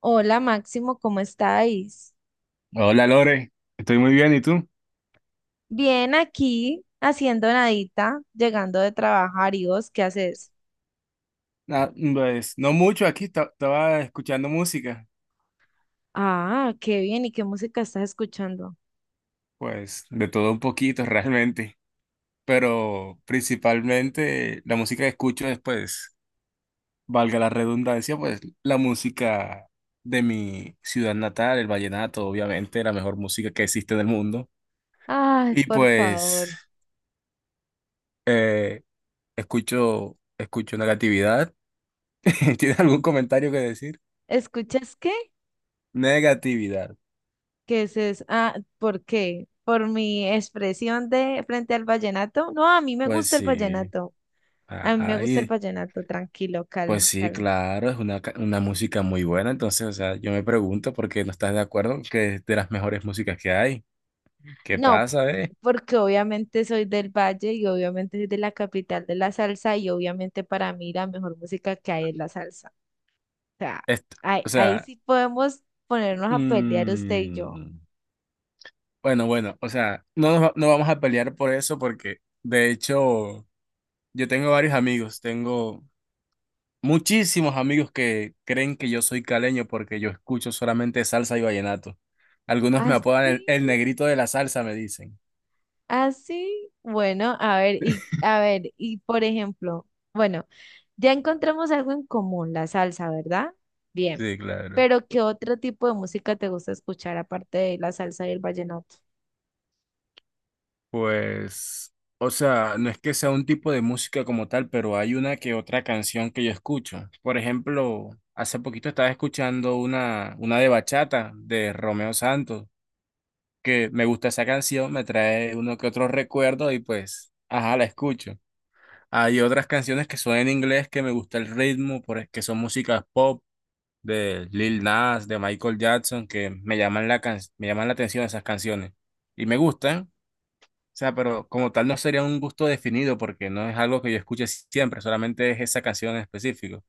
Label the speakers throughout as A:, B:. A: Hola Máximo, ¿cómo estáis?
B: Hola Lore, estoy muy bien, ¿y tú?
A: Bien aquí, haciendo nadita, llegando de trabajar. ¿Y vos qué haces?
B: Ah, pues no mucho, aquí estaba escuchando música,
A: Ah, qué bien. ¿Y qué música estás escuchando?
B: pues de todo un poquito realmente, pero principalmente la música que escucho es, pues, valga la redundancia, pues la música de mi ciudad natal, el vallenato, obviamente, la mejor música que existe en el mundo.
A: Ay,
B: Y
A: por
B: pues
A: favor.
B: eh, escucho negatividad. ¿Tienes algún comentario que decir?
A: ¿Escuchas qué?
B: Negatividad.
A: ¿Qué es eso? Ah, ¿por qué? ¿Por mi expresión de frente al vallenato? No, a mí me
B: Pues
A: gusta el
B: sí.
A: vallenato. A mí me
B: Ajá,
A: gusta el
B: y-
A: vallenato. Tranquilo,
B: pues
A: calma,
B: sí,
A: calma.
B: claro, es una, una música muy buena, entonces, o sea, yo me pregunto por qué no estás de acuerdo que es de las mejores músicas que hay. ¿Qué
A: No,
B: pasa, eh?
A: porque obviamente soy del Valle y obviamente soy de la capital de la salsa y obviamente para mí la mejor música que hay es la salsa. O sea,
B: Est-
A: ahí,
B: o
A: ahí
B: sea,
A: sí podemos ponernos a pelear usted y yo.
B: mm, bueno, o sea, no, no vamos a pelear por eso porque, de hecho, yo tengo varios amigos, tengo muchísimos amigos que creen que yo soy caleño porque yo escucho solamente salsa y vallenato. Algunos me apodan
A: Así,
B: el negrito de la salsa, me dicen.
A: así. Bueno, a ver, y por ejemplo, bueno, ya encontramos algo en común, la salsa, ¿verdad? Bien.
B: Sí, claro.
A: Pero ¿qué otro tipo de música te gusta escuchar aparte de la salsa y el vallenato?
B: Pues, o sea, no es que sea un tipo de música como tal, pero hay una que otra canción que yo escucho. Por ejemplo, hace poquito estaba escuchando una de bachata de Romeo Santos, que me gusta esa canción, me trae uno que otro recuerdo y pues, ajá, la escucho. Hay otras canciones que son en inglés que me gusta el ritmo, que son músicas pop de Lil Nas, de Michael Jackson, que me llaman la atención esas canciones y me gustan. O sea, pero como tal no sería un gusto definido porque no es algo que yo escuche siempre, solamente es esa canción en específico.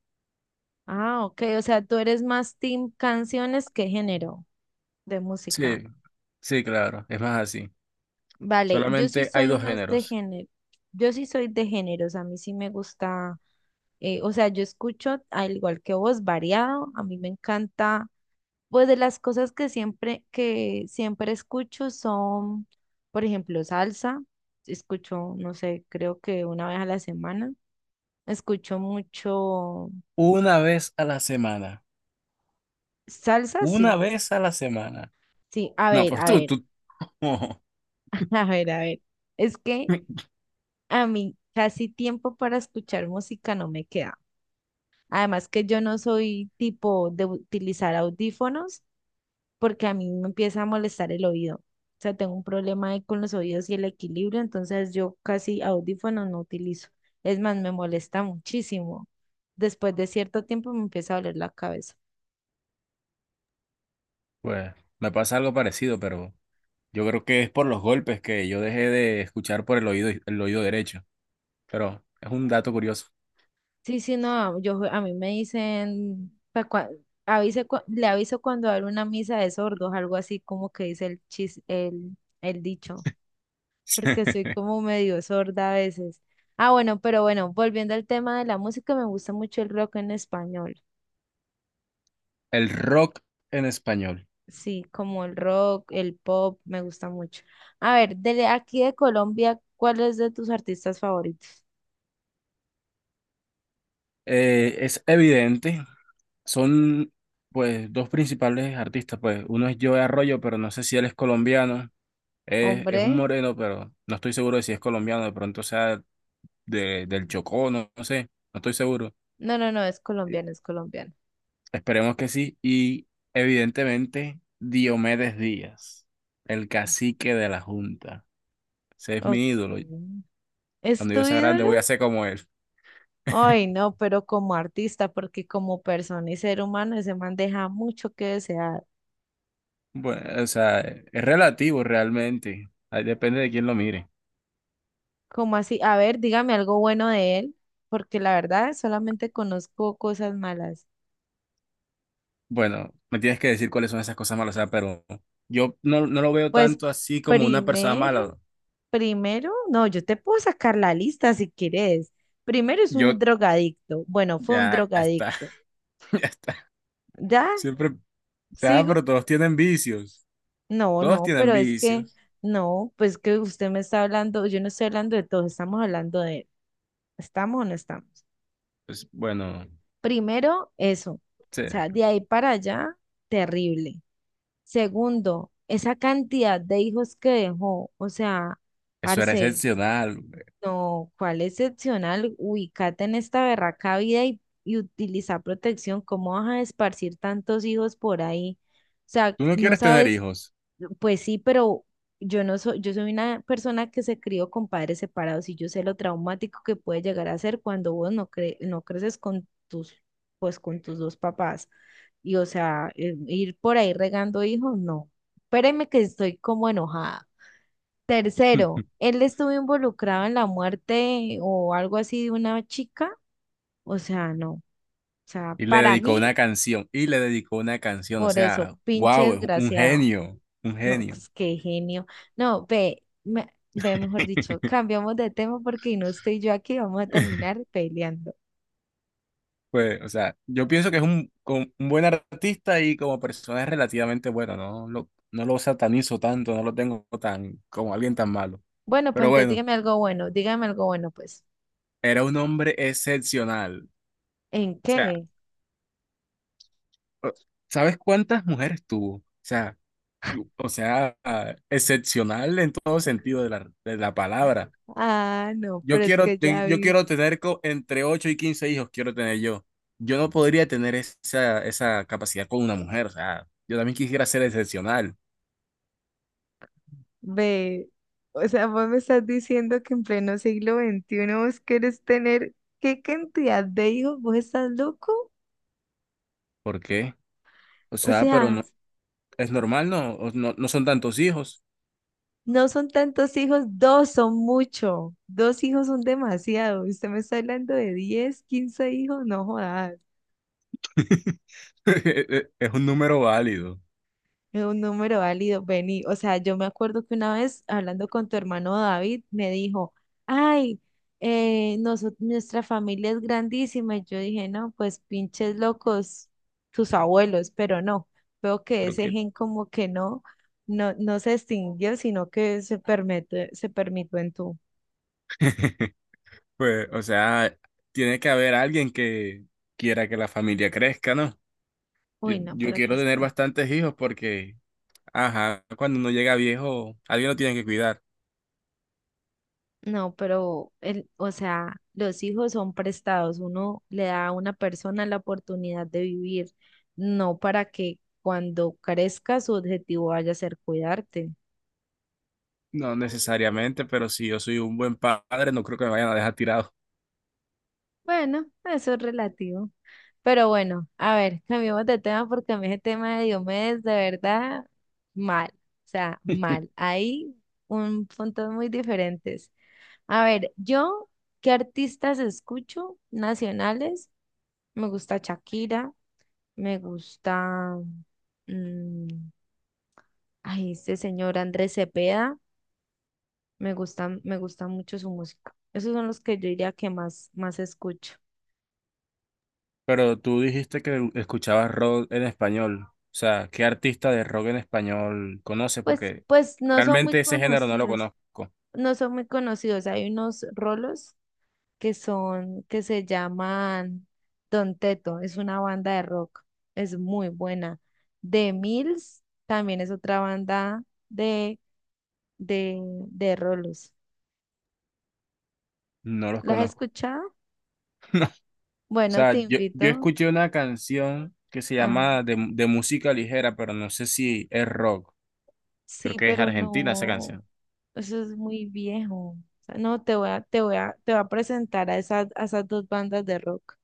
A: Ah, ok, o sea, tú eres más team canciones que género de
B: Sí,
A: música.
B: sí, claro, es más así.
A: Vale, yo sí
B: Solamente hay
A: soy
B: dos
A: más de
B: géneros.
A: género, yo sí soy de géneros, a mí sí me gusta, o sea, yo escucho, al igual que vos, variado, a mí me encanta, pues de las cosas que siempre escucho son, por ejemplo, salsa, escucho, no sé, creo que una vez a la semana, escucho mucho
B: Una vez a la semana.
A: salsa,
B: Una
A: sí,
B: vez a la semana.
A: sí,
B: No, pues
A: a
B: tú,
A: ver,
B: tú.
A: a ver, a ver. Es que a mí casi tiempo para escuchar música no me queda. Además que yo no soy tipo de utilizar audífonos porque a mí me empieza a molestar el oído. O sea, tengo un problema ahí con los oídos y el equilibrio, entonces yo casi audífonos no utilizo. Es más, me molesta muchísimo. Después de cierto tiempo me empieza a doler la cabeza.
B: Pues me pasa algo parecido, pero yo creo que es por los golpes que yo dejé de escuchar por el oído derecho. Pero es un dato curioso.
A: Sí, sí, no, yo a mí me dicen, pa' cua- avise cua- le aviso cuando habrá una misa de sordos, algo así como que dice el dicho. Porque soy como medio sorda a veces. Ah, bueno, pero bueno, volviendo al tema de la música, me gusta mucho el rock en español.
B: El rock en español.
A: Sí, como el rock, el pop, me gusta mucho. A ver, de aquí de Colombia, ¿cuál es de tus artistas favoritos?
B: Es evidente. Son pues dos principales artistas, pues uno es Joe Arroyo, pero no sé si él es colombiano, es un
A: Hombre,
B: moreno, pero no estoy seguro de si es colombiano, de pronto sea del Chocó, no, no sé, no estoy seguro.
A: no, no, no, es
B: Eh,
A: colombiano, es colombiano.
B: Esperemos que sí. Y evidentemente Diomedes Díaz, el cacique de la Junta. Ese es mi
A: Ok.
B: ídolo.
A: ¿Es
B: Cuando yo
A: tu
B: sea grande
A: ídolo?
B: voy a ser como él.
A: Ay, no, pero como artista, porque como persona y ser humano, ese man deja mucho que desear.
B: Bueno, o sea, es relativo realmente. Ahí depende de quién lo mire.
A: ¿Cómo así? A ver, dígame algo bueno de él, porque la verdad solamente conozco cosas malas.
B: Bueno, me tienes que decir cuáles son esas cosas malas, o sea, pero yo no, no lo veo
A: Pues
B: tanto así como una persona
A: primero,
B: mala.
A: primero, no, yo te puedo sacar la lista si quieres. Primero es
B: Yo,
A: un drogadicto. Bueno, fue un
B: ya está,
A: drogadicto.
B: ya está.
A: ¿Ya?
B: Siempre, o sea,
A: ¿Sigo?
B: pero todos tienen vicios,
A: No,
B: todos
A: no,
B: tienen
A: pero es que,
B: vicios.
A: no, pues que usted me está hablando, yo no estoy hablando de todos, estamos hablando de él. ¿Estamos o no estamos?
B: Pues bueno,
A: Primero, eso. O
B: sí,
A: sea, de ahí para allá, terrible. Segundo, esa cantidad de hijos que dejó, o sea,
B: eso era
A: parce,
B: excepcional.
A: no, cuál excepcional, ubícate en esta berraca vida y utiliza protección, ¿cómo vas a esparcir tantos hijos por ahí? O sea,
B: Tú no
A: no
B: quieres tener
A: sabes
B: hijos.
A: pues sí, pero yo no soy, yo soy una persona que se crió con padres separados y yo sé lo traumático que puede llegar a ser cuando vos no creces con tus, pues con tus dos papás. Y o sea, ir por ahí regando hijos, no. Espéreme que estoy como enojada. Tercero, él estuvo involucrado en la muerte o algo así de una chica. O sea, no. O sea,
B: Y le
A: para
B: dedicó una
A: mí,
B: canción, y le dedicó una canción, o
A: por eso,
B: sea,
A: pinche
B: wow, es un
A: desgraciado.
B: genio, un
A: No,
B: genio.
A: pues qué genio. No, ve, mejor dicho, cambiamos de tema porque no estoy yo aquí, vamos a terminar peleando.
B: Pues, o sea, yo pienso que es un, un buen artista y como persona es relativamente bueno, no lo satanizo tanto, no lo tengo tan como alguien tan malo.
A: Bueno, pues
B: Pero
A: entonces
B: bueno,
A: dígame algo bueno, pues.
B: era un hombre excepcional. O
A: ¿En
B: sea,
A: qué?
B: o- ¿sabes cuántas mujeres tuvo? O sea, o sea, ah, excepcional en todo sentido de la palabra.
A: Ah, no, pero es que ya
B: Yo
A: vi,
B: quiero entre 8 y 15 hijos, quiero tener yo. Yo no podría tener esa, esa capacidad con una mujer, o sea, yo también quisiera ser excepcional.
A: ve, o sea, vos me estás diciendo que en pleno siglo XXI vos querés tener, ¿qué cantidad de hijos? ¿Vos estás loco?
B: ¿Por qué? O
A: O
B: sea, pero
A: sea...
B: no, es normal, ¿no? O No, no son tantos hijos.
A: No son tantos hijos, dos son mucho. Dos hijos son demasiado. Usted me está hablando de 10, 15 hijos, no jodas.
B: Es un número válido.
A: Es un número válido, vení. O sea, yo me acuerdo que una vez hablando con tu hermano David, me dijo, ay, nuestra familia es grandísima. Y yo dije, no, pues pinches locos, tus abuelos, pero no. Veo que
B: Creo
A: ese
B: que,
A: gen como que no, no, no se extinguió, sino que se permite, se permitió en tú.
B: pues, o sea, tiene que haber alguien que quiera que la familia crezca, ¿no? Yo,
A: Uy, no,
B: yo
A: pero tú
B: quiero tener
A: estás.
B: bastantes hijos porque, ajá, cuando uno llega viejo, alguien lo tiene que cuidar.
A: No, pero, el, o sea, los hijos son prestados. Uno le da a una persona la oportunidad de vivir, no para que cuando crezca su objetivo vaya a ser cuidarte.
B: No necesariamente, pero si yo soy un buen padre, no creo que me vayan a dejar tirado.
A: Bueno, eso es relativo. Pero bueno, a ver, cambiemos de tema porque a mí ese tema de, Diomedes, de verdad, mal. O sea, mal. Hay un puntos muy diferentes. A ver, yo, ¿qué artistas escucho nacionales? Me gusta Shakira. Me gusta, mm, ay, este señor Andrés Cepeda, me gusta mucho su música. Esos son los que yo diría que más, más escucho.
B: Pero tú dijiste que escuchabas rock en español. O sea, ¿qué artista de rock en español conoces?
A: Pues,
B: Porque
A: pues no son muy
B: realmente ese género no lo
A: conocidos,
B: conozco.
A: no son muy conocidos. Hay unos rolos que son, que se llaman Don Teto, es una banda de rock, es muy buena. The Mills también es otra banda de, de, de rolos.
B: No los
A: ¿Las has
B: conozco.
A: escuchado?
B: O
A: Bueno, te
B: sea, yo
A: invito.
B: escuché una canción que se
A: Ajá.
B: llama de música ligera, pero no sé si es rock. Creo
A: Sí,
B: que es
A: pero
B: argentina esa
A: no,
B: canción.
A: eso es muy viejo. O sea, no, te voy a, te voy a, te voy a presentar a esas dos bandas de rock.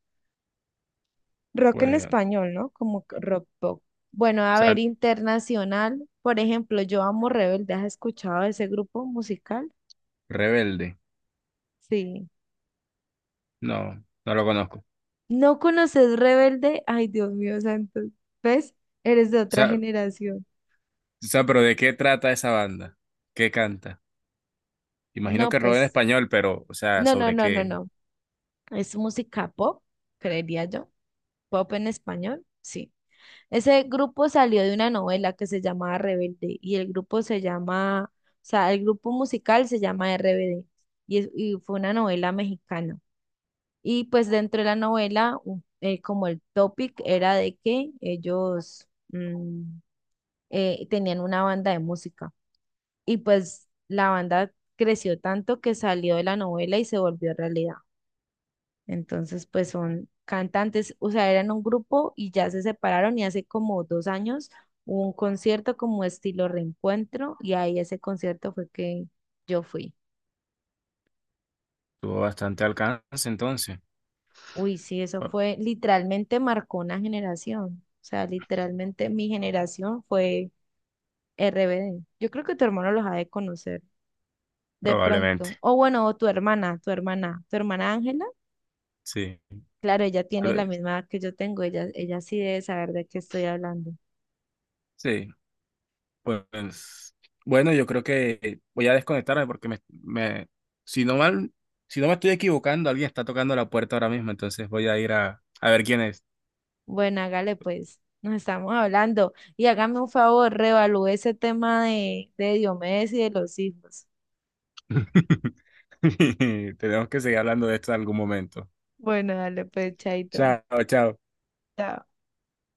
A: Rock en
B: Pues, o
A: español, ¿no? Como que rock pop. Bueno, a ver,
B: sea,
A: internacional, por ejemplo, yo amo Rebelde. ¿Has escuchado ese grupo musical?
B: Rebelde.
A: Sí.
B: No, no lo conozco.
A: ¿No conoces Rebelde? Ay, Dios mío, santo. ¿Ves? Eres de otra
B: O
A: generación.
B: sea, pero ¿de qué trata esa banda? ¿Qué canta? Imagino
A: No,
B: que rock en
A: pues,
B: español, pero, o sea,
A: no, no,
B: ¿sobre
A: no, no,
B: qué?
A: no. Es música pop, creería yo. Pop en español, sí. Ese grupo salió de una novela que se llamaba Rebelde y el grupo se llama, o sea, el grupo musical se llama RBD y, y fue una novela mexicana. Y pues dentro de la novela, como el topic era de que ellos tenían una banda de música y pues la banda creció tanto que salió de la novela y se volvió realidad. Entonces, pues son cantantes, o sea, eran un grupo y ya se separaron y hace como 2 años hubo un concierto como estilo reencuentro y ahí ese concierto fue que yo fui.
B: Tuvo bastante alcance entonces.
A: Uy, sí, eso
B: Bueno,
A: fue, literalmente marcó una generación. O sea, literalmente mi generación fue RBD. Yo creo que tu hermano los ha de conocer de
B: probablemente,
A: pronto. O bueno, o tu hermana, tu hermana Ángela.
B: sí,
A: Claro, ella tiene
B: tal
A: la
B: vez,
A: misma edad que yo tengo, ella sí debe saber de qué estoy hablando.
B: sí, pues bueno, yo creo que voy a desconectarme porque si no mal, si no me estoy equivocando, alguien está tocando la puerta ahora mismo, entonces voy a ir a ver quién es.
A: Bueno, hágale pues, nos estamos hablando. Y hágame un favor, reevalúe ese tema de Diomedes y de los hijos.
B: Tenemos que seguir hablando de esto en algún momento.
A: Bueno, dale, pues, chaito.
B: Chao, chao.
A: Chao.